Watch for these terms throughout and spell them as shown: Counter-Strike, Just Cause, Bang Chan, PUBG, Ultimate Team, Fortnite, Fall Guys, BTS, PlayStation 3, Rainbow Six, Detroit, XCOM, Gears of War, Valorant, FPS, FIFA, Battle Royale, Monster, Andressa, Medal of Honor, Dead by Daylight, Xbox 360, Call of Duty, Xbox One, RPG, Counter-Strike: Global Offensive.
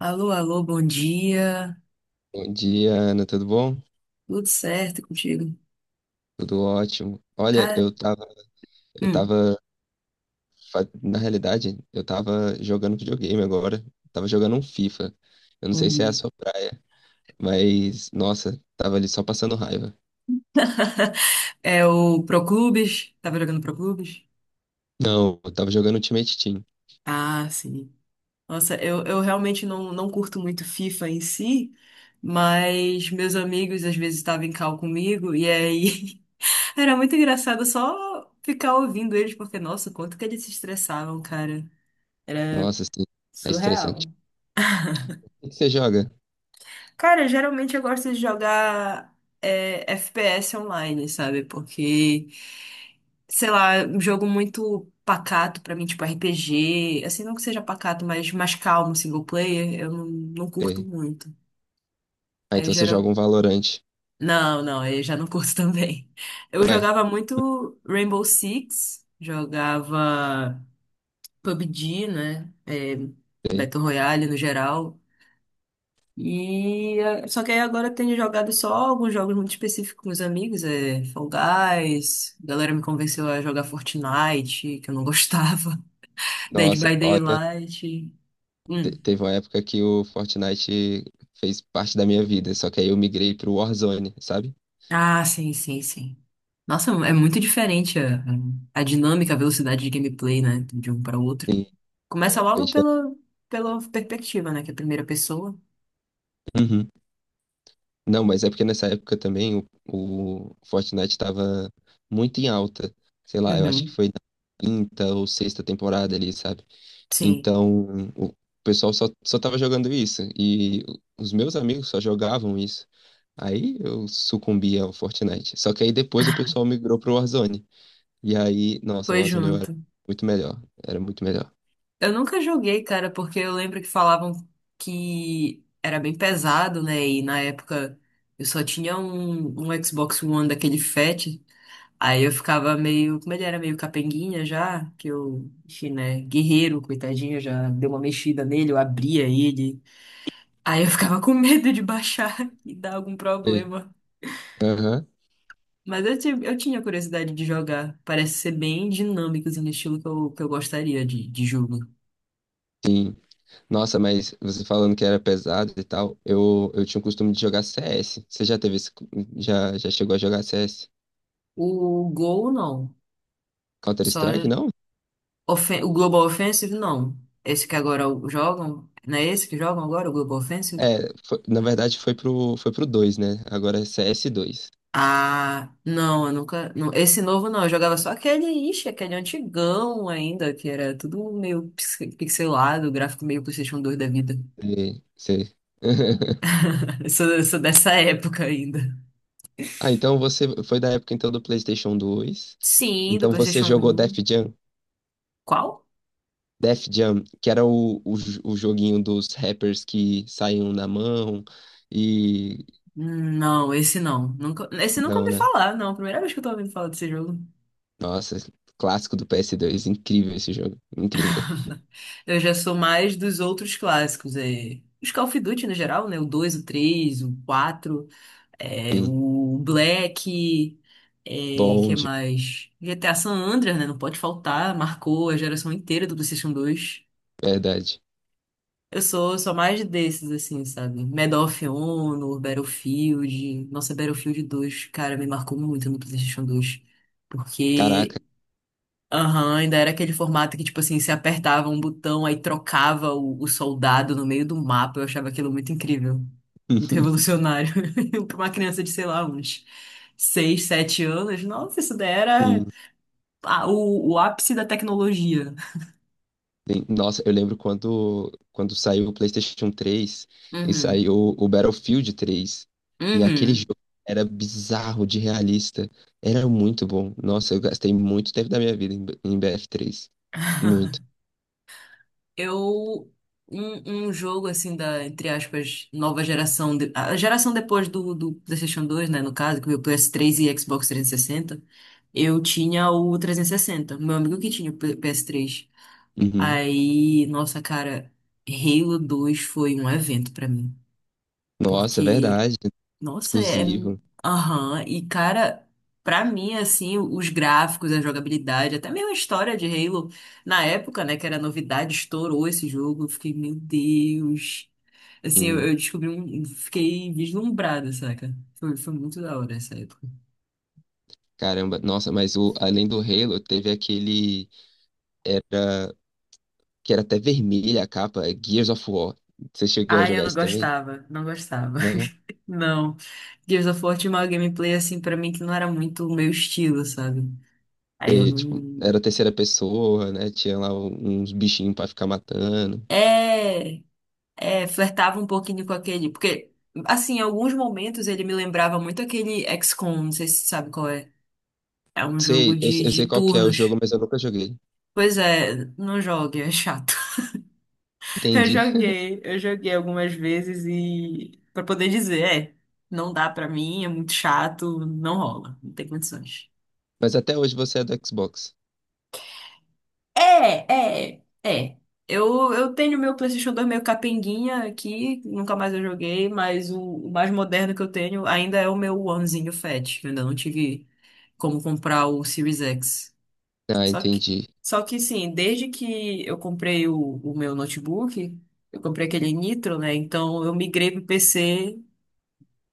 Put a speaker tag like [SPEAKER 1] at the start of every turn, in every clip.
[SPEAKER 1] Alô, alô, bom dia.
[SPEAKER 2] Bom dia, Ana, tudo bom?
[SPEAKER 1] Tudo certo contigo?
[SPEAKER 2] Tudo ótimo. Olha,
[SPEAKER 1] Tá?
[SPEAKER 2] eu
[SPEAKER 1] Hum,
[SPEAKER 2] tava, na realidade, eu tava jogando videogame agora. Tava jogando um FIFA. Eu não
[SPEAKER 1] bom
[SPEAKER 2] sei se é a
[SPEAKER 1] dia.
[SPEAKER 2] sua praia, mas, nossa, tava ali só passando raiva.
[SPEAKER 1] É o Proclubes? Tava jogando Proclubes?
[SPEAKER 2] Não, eu tava jogando Ultimate Team.
[SPEAKER 1] Ah, sim. Nossa, eu realmente não curto muito FIFA em si, mas meus amigos às vezes estavam em call comigo e aí era muito engraçado só ficar ouvindo eles, porque, nossa, quanto que eles se estressavam, cara. Era
[SPEAKER 2] Nossa, assim, é estressante.
[SPEAKER 1] surreal.
[SPEAKER 2] O que você joga?
[SPEAKER 1] Cara, geralmente eu gosto de jogar FPS online, sabe? Porque, sei lá, é um jogo muito pacato pra mim, tipo RPG, assim, não que seja pacato, mas mais calmo, single player, eu não curto
[SPEAKER 2] É.
[SPEAKER 1] muito.
[SPEAKER 2] Ah,
[SPEAKER 1] Aí eu
[SPEAKER 2] então você joga
[SPEAKER 1] geral...
[SPEAKER 2] um Valorant.
[SPEAKER 1] Não, aí eu já não curto também. Eu
[SPEAKER 2] Ué,
[SPEAKER 1] jogava muito Rainbow Six, jogava PUBG, né? É,
[SPEAKER 2] é.
[SPEAKER 1] Battle Royale no geral. E só que aí agora eu tenho jogado só alguns jogos muito específicos com os amigos, é Fall Guys, a galera me convenceu a jogar Fortnite, que eu não gostava, Dead
[SPEAKER 2] Nossa,
[SPEAKER 1] by
[SPEAKER 2] olha,
[SPEAKER 1] Daylight. Hum.
[SPEAKER 2] teve uma época que o Fortnite fez parte da minha vida, só que aí eu migrei pro Warzone, sabe?
[SPEAKER 1] Ah, sim, sim, sim. Nossa, é muito diferente a dinâmica, a velocidade de gameplay, né, de um para outro.
[SPEAKER 2] Sim,
[SPEAKER 1] Começa
[SPEAKER 2] é, bem.
[SPEAKER 1] logo pela perspectiva, né, que é a primeira pessoa.
[SPEAKER 2] Uhum. Não, mas é porque nessa época também o Fortnite estava muito em alta. Sei lá, eu acho que
[SPEAKER 1] Uhum.
[SPEAKER 2] foi na quinta ou sexta temporada ali, sabe?
[SPEAKER 1] Sim,
[SPEAKER 2] Então, o pessoal só tava jogando isso. E os meus amigos só jogavam isso. Aí eu sucumbi ao Fortnite. Só que aí depois o pessoal migrou pro Warzone. E aí, nossa, o
[SPEAKER 1] foi
[SPEAKER 2] Warzone eu era
[SPEAKER 1] junto.
[SPEAKER 2] muito melhor. Era muito melhor.
[SPEAKER 1] Eu nunca joguei, cara, porque eu lembro que falavam que era bem pesado, né? E na época eu só tinha um Xbox One daquele fat. Aí eu ficava meio. Como ele era meio capenguinha já, que eu, enfim, né? Guerreiro, coitadinho, já deu uma mexida nele, eu abria ele. Aí eu ficava com medo de baixar e dar algum
[SPEAKER 2] Sei.
[SPEAKER 1] problema.
[SPEAKER 2] Aham,
[SPEAKER 1] Mas eu tinha curiosidade de jogar. Parece ser bem dinâmico, assim, no estilo que eu gostaria de jogo.
[SPEAKER 2] sim. Nossa, mas você falando que era pesado e tal, eu tinha o costume de jogar CS. Você já teve esse, já chegou a jogar CS?
[SPEAKER 1] O Gol, não. Só.
[SPEAKER 2] Counter-Strike, não?
[SPEAKER 1] O Global Offensive, não. Esse que agora jogam, não é esse que jogam agora, o Global Offensive?
[SPEAKER 2] É, na verdade foi pro dois, né? Agora é cs dois.
[SPEAKER 1] Ah, não, eu nunca. Não, esse novo não, eu jogava só aquele, ixi, aquele antigão ainda, que era tudo meio pixelado, gráfico meio PlayStation 2 da vida.
[SPEAKER 2] E você...
[SPEAKER 1] Eu sou dessa época ainda.
[SPEAKER 2] Ah, então você foi da época então do PlayStation dois.
[SPEAKER 1] Sim, do
[SPEAKER 2] Então você
[SPEAKER 1] PlayStation
[SPEAKER 2] jogou Def
[SPEAKER 1] 1.
[SPEAKER 2] Jam?
[SPEAKER 1] Qual?
[SPEAKER 2] Def Jam, que era o joguinho dos rappers que saíam na mão e...
[SPEAKER 1] Não, esse não. Nunca, esse nunca
[SPEAKER 2] Não,
[SPEAKER 1] ouvi
[SPEAKER 2] né?
[SPEAKER 1] falar, não. Primeira vez que eu tô ouvindo falar desse jogo.
[SPEAKER 2] Nossa, clássico do PS2. Incrível esse jogo. Incrível.
[SPEAKER 1] Eu já sou mais dos outros clássicos, é, os Call of Duty no geral, né? O 2, o 3, o 4,
[SPEAKER 2] Sim.
[SPEAKER 1] o Black, é, que
[SPEAKER 2] Bom,
[SPEAKER 1] é
[SPEAKER 2] de
[SPEAKER 1] mais? G T a San Andreas, né? Não pode faltar, marcou a geração inteira do PlayStation 2.
[SPEAKER 2] verdade.
[SPEAKER 1] Eu sou mais desses, assim, sabe? Medal of Honor, Battlefield. Nossa, Battlefield 2, cara, me marcou muito no PlayStation 2,
[SPEAKER 2] Caraca.
[SPEAKER 1] porque Aham, ainda era aquele formato que, tipo assim, você apertava um botão, aí trocava o soldado no meio do mapa. Eu achava aquilo muito incrível, muito revolucionário. Para uma criança de, sei lá, uns 6 7 anos, nossa, isso daí era
[SPEAKER 2] Sim.
[SPEAKER 1] ah, o ápice da tecnologia.
[SPEAKER 2] Sim. Nossa, eu lembro quando, quando saiu o PlayStation 3 e
[SPEAKER 1] Uhum,
[SPEAKER 2] saiu o Battlefield 3. E aquele
[SPEAKER 1] uhum.
[SPEAKER 2] jogo era bizarro de realista. Era muito bom. Nossa, eu gastei muito tempo da minha vida em, em BF3. Muito.
[SPEAKER 1] Eu. Um jogo, assim, da, entre aspas, nova geração. De- a geração depois do PlayStation 2, né? No caso, que veio o ps 3 e Xbox 360. Eu tinha o 360. Meu amigo que tinha o PS3.
[SPEAKER 2] Uhum.
[SPEAKER 1] Aí, nossa, cara, Halo 2 foi um evento pra mim.
[SPEAKER 2] Nossa, é
[SPEAKER 1] Porque
[SPEAKER 2] verdade.
[SPEAKER 1] nossa, é.
[SPEAKER 2] Exclusivo.
[SPEAKER 1] Aham. E, cara, pra mim, assim, os gráficos, a jogabilidade, até mesmo a história de Halo, na época, né, que era novidade, estourou esse jogo. Eu fiquei, meu Deus. Assim,
[SPEAKER 2] Sim.
[SPEAKER 1] eu descobri um. Fiquei vislumbrada, saca? Foi, foi muito da hora essa época.
[SPEAKER 2] Caramba. Nossa, mas o, além do Halo, teve aquele que era até vermelha a capa, é Gears of War. Você chegou a
[SPEAKER 1] Ai, eu
[SPEAKER 2] jogar
[SPEAKER 1] não
[SPEAKER 2] isso também?
[SPEAKER 1] gostava, não gostava.
[SPEAKER 2] Não?
[SPEAKER 1] Não. Gears of War tinha uma gameplay, assim, pra mim, que não era muito o meu estilo, sabe? Aí eu
[SPEAKER 2] E, tipo,
[SPEAKER 1] não.
[SPEAKER 2] era terceira pessoa, né? Tinha lá uns bichinhos pra ficar matando.
[SPEAKER 1] É. Flertava um pouquinho com aquele. Porque, assim, em alguns momentos ele me lembrava muito aquele XCOM, não sei se você sabe qual é. É um
[SPEAKER 2] Sei,
[SPEAKER 1] jogo
[SPEAKER 2] eu, eu
[SPEAKER 1] de
[SPEAKER 2] sei qual que é o
[SPEAKER 1] turnos.
[SPEAKER 2] jogo, mas eu nunca joguei.
[SPEAKER 1] Pois é, não jogue, é chato.
[SPEAKER 2] Entendi.
[SPEAKER 1] Eu joguei algumas vezes e. Pra poder dizer, é, não dá pra mim, é muito chato, não rola, não tem condições.
[SPEAKER 2] Mas até hoje você é do Xbox.
[SPEAKER 1] É. Eu tenho meu PlayStation 2 meio capenguinha aqui, nunca mais eu joguei, mas o mais moderno que eu tenho ainda é o meu Onezinho Fat. Eu ainda não tive como comprar o Series X.
[SPEAKER 2] Ah,
[SPEAKER 1] Só que,
[SPEAKER 2] entendi.
[SPEAKER 1] Só que sim, desde que eu comprei o meu notebook, eu comprei aquele Nitro, né? Então eu migrei pro PC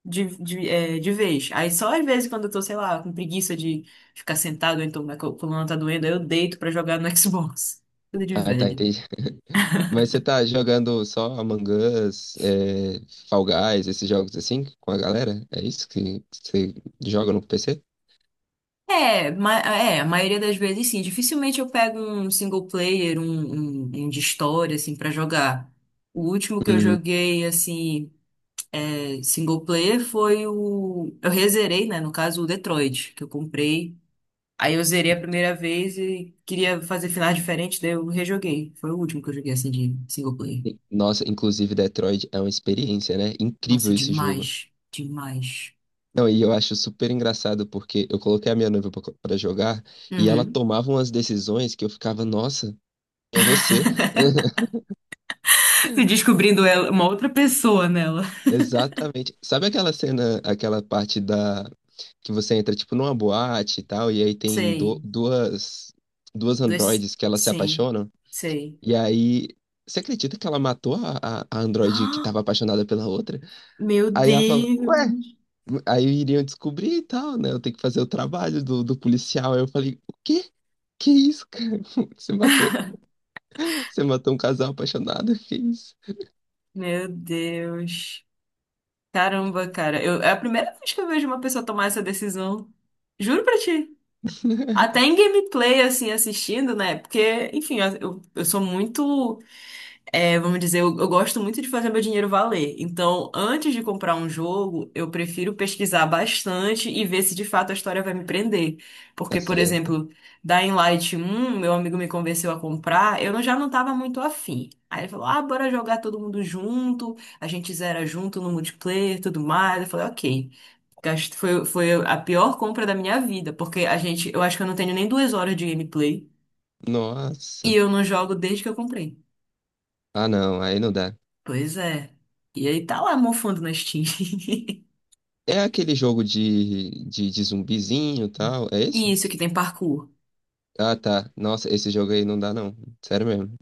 [SPEAKER 1] de vez. Aí só às vezes quando eu tô, sei lá, com preguiça de ficar sentado, ou então minha coluna tá doendo, aí eu deito pra jogar no Xbox. Tudo de
[SPEAKER 2] Ah, tá,
[SPEAKER 1] velho.
[SPEAKER 2] entendi. Mas você tá jogando só Among Us, é, Fall Guys, esses jogos assim, com a galera? É isso que você joga no PC?
[SPEAKER 1] É, a maioria das vezes sim. Dificilmente eu pego um single player, um de história, assim, pra jogar. O último que eu
[SPEAKER 2] Uhum.
[SPEAKER 1] joguei, assim, single player foi o. Eu rezerei, né? No caso, o Detroit, que eu comprei. Aí eu zerei a primeira vez e queria fazer finais diferentes, daí eu rejoguei. Foi o último que eu joguei, assim, de single player.
[SPEAKER 2] Sim. Nossa, inclusive Detroit é uma experiência, né? Incrível
[SPEAKER 1] Nossa,
[SPEAKER 2] esse jogo.
[SPEAKER 1] demais, demais.
[SPEAKER 2] Não, e eu acho super engraçado porque eu coloquei a minha noiva pra jogar e ela
[SPEAKER 1] Uhum.
[SPEAKER 2] tomava umas decisões que eu ficava, nossa, é você.
[SPEAKER 1] Se descobrindo ela, uma outra pessoa nela.
[SPEAKER 2] Exatamente. Sabe aquela cena, aquela parte da que você entra tipo numa boate e tal, e aí tem
[SPEAKER 1] Sei.
[SPEAKER 2] duas
[SPEAKER 1] Dois.
[SPEAKER 2] androides que elas se
[SPEAKER 1] Sim,
[SPEAKER 2] apaixonam,
[SPEAKER 1] sei.
[SPEAKER 2] e aí você acredita que ela matou a androide que
[SPEAKER 1] Ah,
[SPEAKER 2] tava apaixonada pela outra?
[SPEAKER 1] meu
[SPEAKER 2] Aí ela falou,
[SPEAKER 1] Deus!
[SPEAKER 2] aí iriam descobrir e tal, né? Eu tenho que fazer o trabalho do, do policial. Aí eu falei, o quê? Que isso, cara? Você matou, você matou um casal apaixonado? Que isso?
[SPEAKER 1] Meu Deus! Caramba, cara. Eu... É a primeira vez que eu vejo uma pessoa tomar essa decisão. Juro pra ti. Até em gameplay, assim, assistindo, né? Porque, enfim, eu sou muito. É, vamos dizer, eu gosto muito de fazer meu dinheiro valer. Então, antes de comprar um jogo, eu prefiro pesquisar bastante e ver se de fato a história vai me prender.
[SPEAKER 2] Tá
[SPEAKER 1] Porque, por
[SPEAKER 2] certo.
[SPEAKER 1] exemplo, Dying Light 1, meu amigo me convenceu a comprar, eu não- já não estava muito afim. Aí ele falou: ah, bora jogar todo mundo junto, a gente zera junto no multiplayer, tudo mais. Eu falei: ok. Foi, foi a pior compra da minha vida, porque a gente, eu acho que eu não tenho nem 2 horas de gameplay e
[SPEAKER 2] Nossa.
[SPEAKER 1] eu não jogo desde que eu comprei.
[SPEAKER 2] Ah, não, aí não dá.
[SPEAKER 1] Pois é. E aí tá lá mofando na Steam.
[SPEAKER 2] É aquele jogo de zumbizinho e tal, é
[SPEAKER 1] E
[SPEAKER 2] esse?
[SPEAKER 1] isso que tem parkour.
[SPEAKER 2] Ah, tá. Nossa, esse jogo aí não dá, não. Sério mesmo.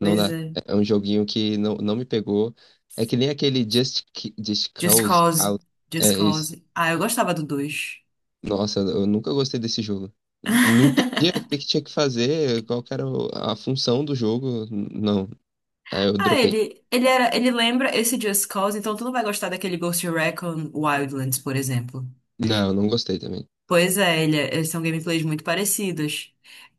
[SPEAKER 2] Não dá.
[SPEAKER 1] é.
[SPEAKER 2] É um joguinho que não, não me pegou. É que nem aquele Just
[SPEAKER 1] Just
[SPEAKER 2] Cause.
[SPEAKER 1] Cause.
[SPEAKER 2] Cause. É
[SPEAKER 1] Just
[SPEAKER 2] isso.
[SPEAKER 1] Cause. Ah, eu gostava do 2.
[SPEAKER 2] Nossa, eu nunca gostei desse jogo. Não entendia o que que tinha que fazer, qual que era a função do jogo. Não. Aí eu
[SPEAKER 1] Ah,
[SPEAKER 2] dropei.
[SPEAKER 1] ele lembra esse Just Cause, então tu não vai gostar daquele Ghost Recon Wildlands, por exemplo.
[SPEAKER 2] Não, eu não gostei também.
[SPEAKER 1] Pois é, ele é- eles são gameplays muito parecidos.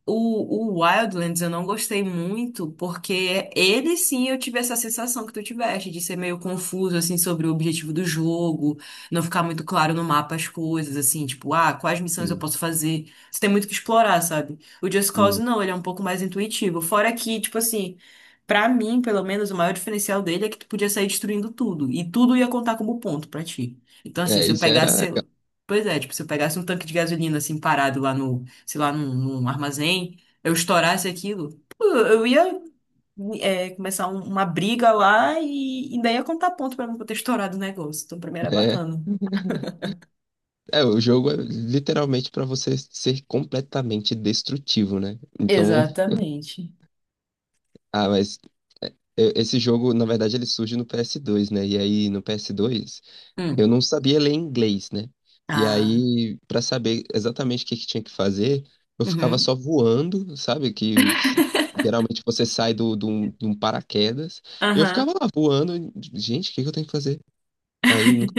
[SPEAKER 1] O Wildlands eu não gostei muito, porque ele sim eu tive essa sensação que tu tiveste, de ser meio confuso, assim, sobre o objetivo do jogo, não ficar muito claro no mapa as coisas, assim, tipo, ah, quais missões eu
[SPEAKER 2] Hum,
[SPEAKER 1] posso fazer? Você tem muito que explorar, sabe? O Just Cause
[SPEAKER 2] hum.
[SPEAKER 1] não, ele é um pouco mais intuitivo. Fora que, tipo assim, pra mim, pelo menos, o maior diferencial dele é que tu podia sair destruindo tudo, e tudo ia contar como ponto pra ti. Então, assim,
[SPEAKER 2] É,
[SPEAKER 1] se eu
[SPEAKER 2] isso era
[SPEAKER 1] pegasse
[SPEAKER 2] legal.
[SPEAKER 1] pois é, tipo, se eu pegasse um tanque de gasolina assim parado lá no, sei lá, num, num armazém, eu estourasse aquilo, pô, eu ia começar uma briga lá e ainda ia contar ponto pra mim por ter estourado o negócio. Então, pra mim era
[SPEAKER 2] É,
[SPEAKER 1] bacana.
[SPEAKER 2] é, o jogo é literalmente pra você ser completamente destrutivo, né? Então,
[SPEAKER 1] Exatamente.
[SPEAKER 2] ah, mas é, esse jogo, na verdade, ele surge no PS2, né? E aí no PS2 eu
[SPEAKER 1] Hum.
[SPEAKER 2] não sabia ler inglês, né? E
[SPEAKER 1] Ah.
[SPEAKER 2] aí, para saber exatamente o que que tinha que fazer, eu ficava
[SPEAKER 1] Uhum.
[SPEAKER 2] só voando, sabe? Geralmente você sai do, de um paraquedas. Eu
[SPEAKER 1] Aham.
[SPEAKER 2] ficava lá voando, e, gente, o que que eu tenho que fazer? Aí nunca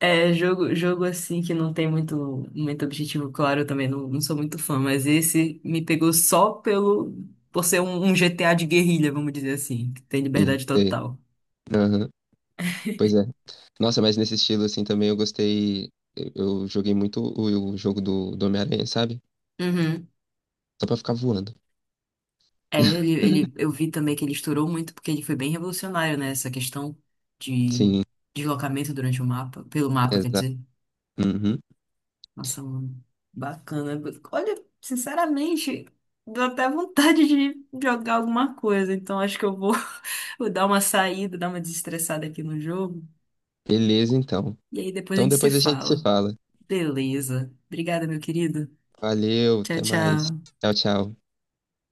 [SPEAKER 1] É, jogo assim que não tem muito objetivo claro, eu também não sou muito fã, mas esse me pegou só pelo, por ser um GTA de guerrilha, vamos dizer assim, que tem liberdade
[SPEAKER 2] sei.
[SPEAKER 1] total.
[SPEAKER 2] Aham, pois é. Nossa, mas nesse estilo assim também eu gostei. Eu joguei muito o jogo do, do Homem-Aranha, sabe? Só pra ficar voando.
[SPEAKER 1] É, eu vi também que ele estourou muito porque ele foi bem revolucionário, né? Essa questão de
[SPEAKER 2] Sim,
[SPEAKER 1] deslocamento durante o mapa, pelo mapa, quer
[SPEAKER 2] exato.
[SPEAKER 1] dizer.
[SPEAKER 2] Uhum.
[SPEAKER 1] Nossa, mano, bacana. Olha, sinceramente, deu até vontade de jogar alguma coisa. Então acho que eu vou, vou dar uma saída, dar uma desestressada aqui no jogo.
[SPEAKER 2] Beleza, então.
[SPEAKER 1] E aí depois a
[SPEAKER 2] Então
[SPEAKER 1] gente se
[SPEAKER 2] depois a gente se
[SPEAKER 1] fala.
[SPEAKER 2] fala.
[SPEAKER 1] Beleza. Obrigada, meu querido.
[SPEAKER 2] Valeu,
[SPEAKER 1] Tchau,
[SPEAKER 2] até mais.
[SPEAKER 1] tchau.
[SPEAKER 2] Tchau, tchau.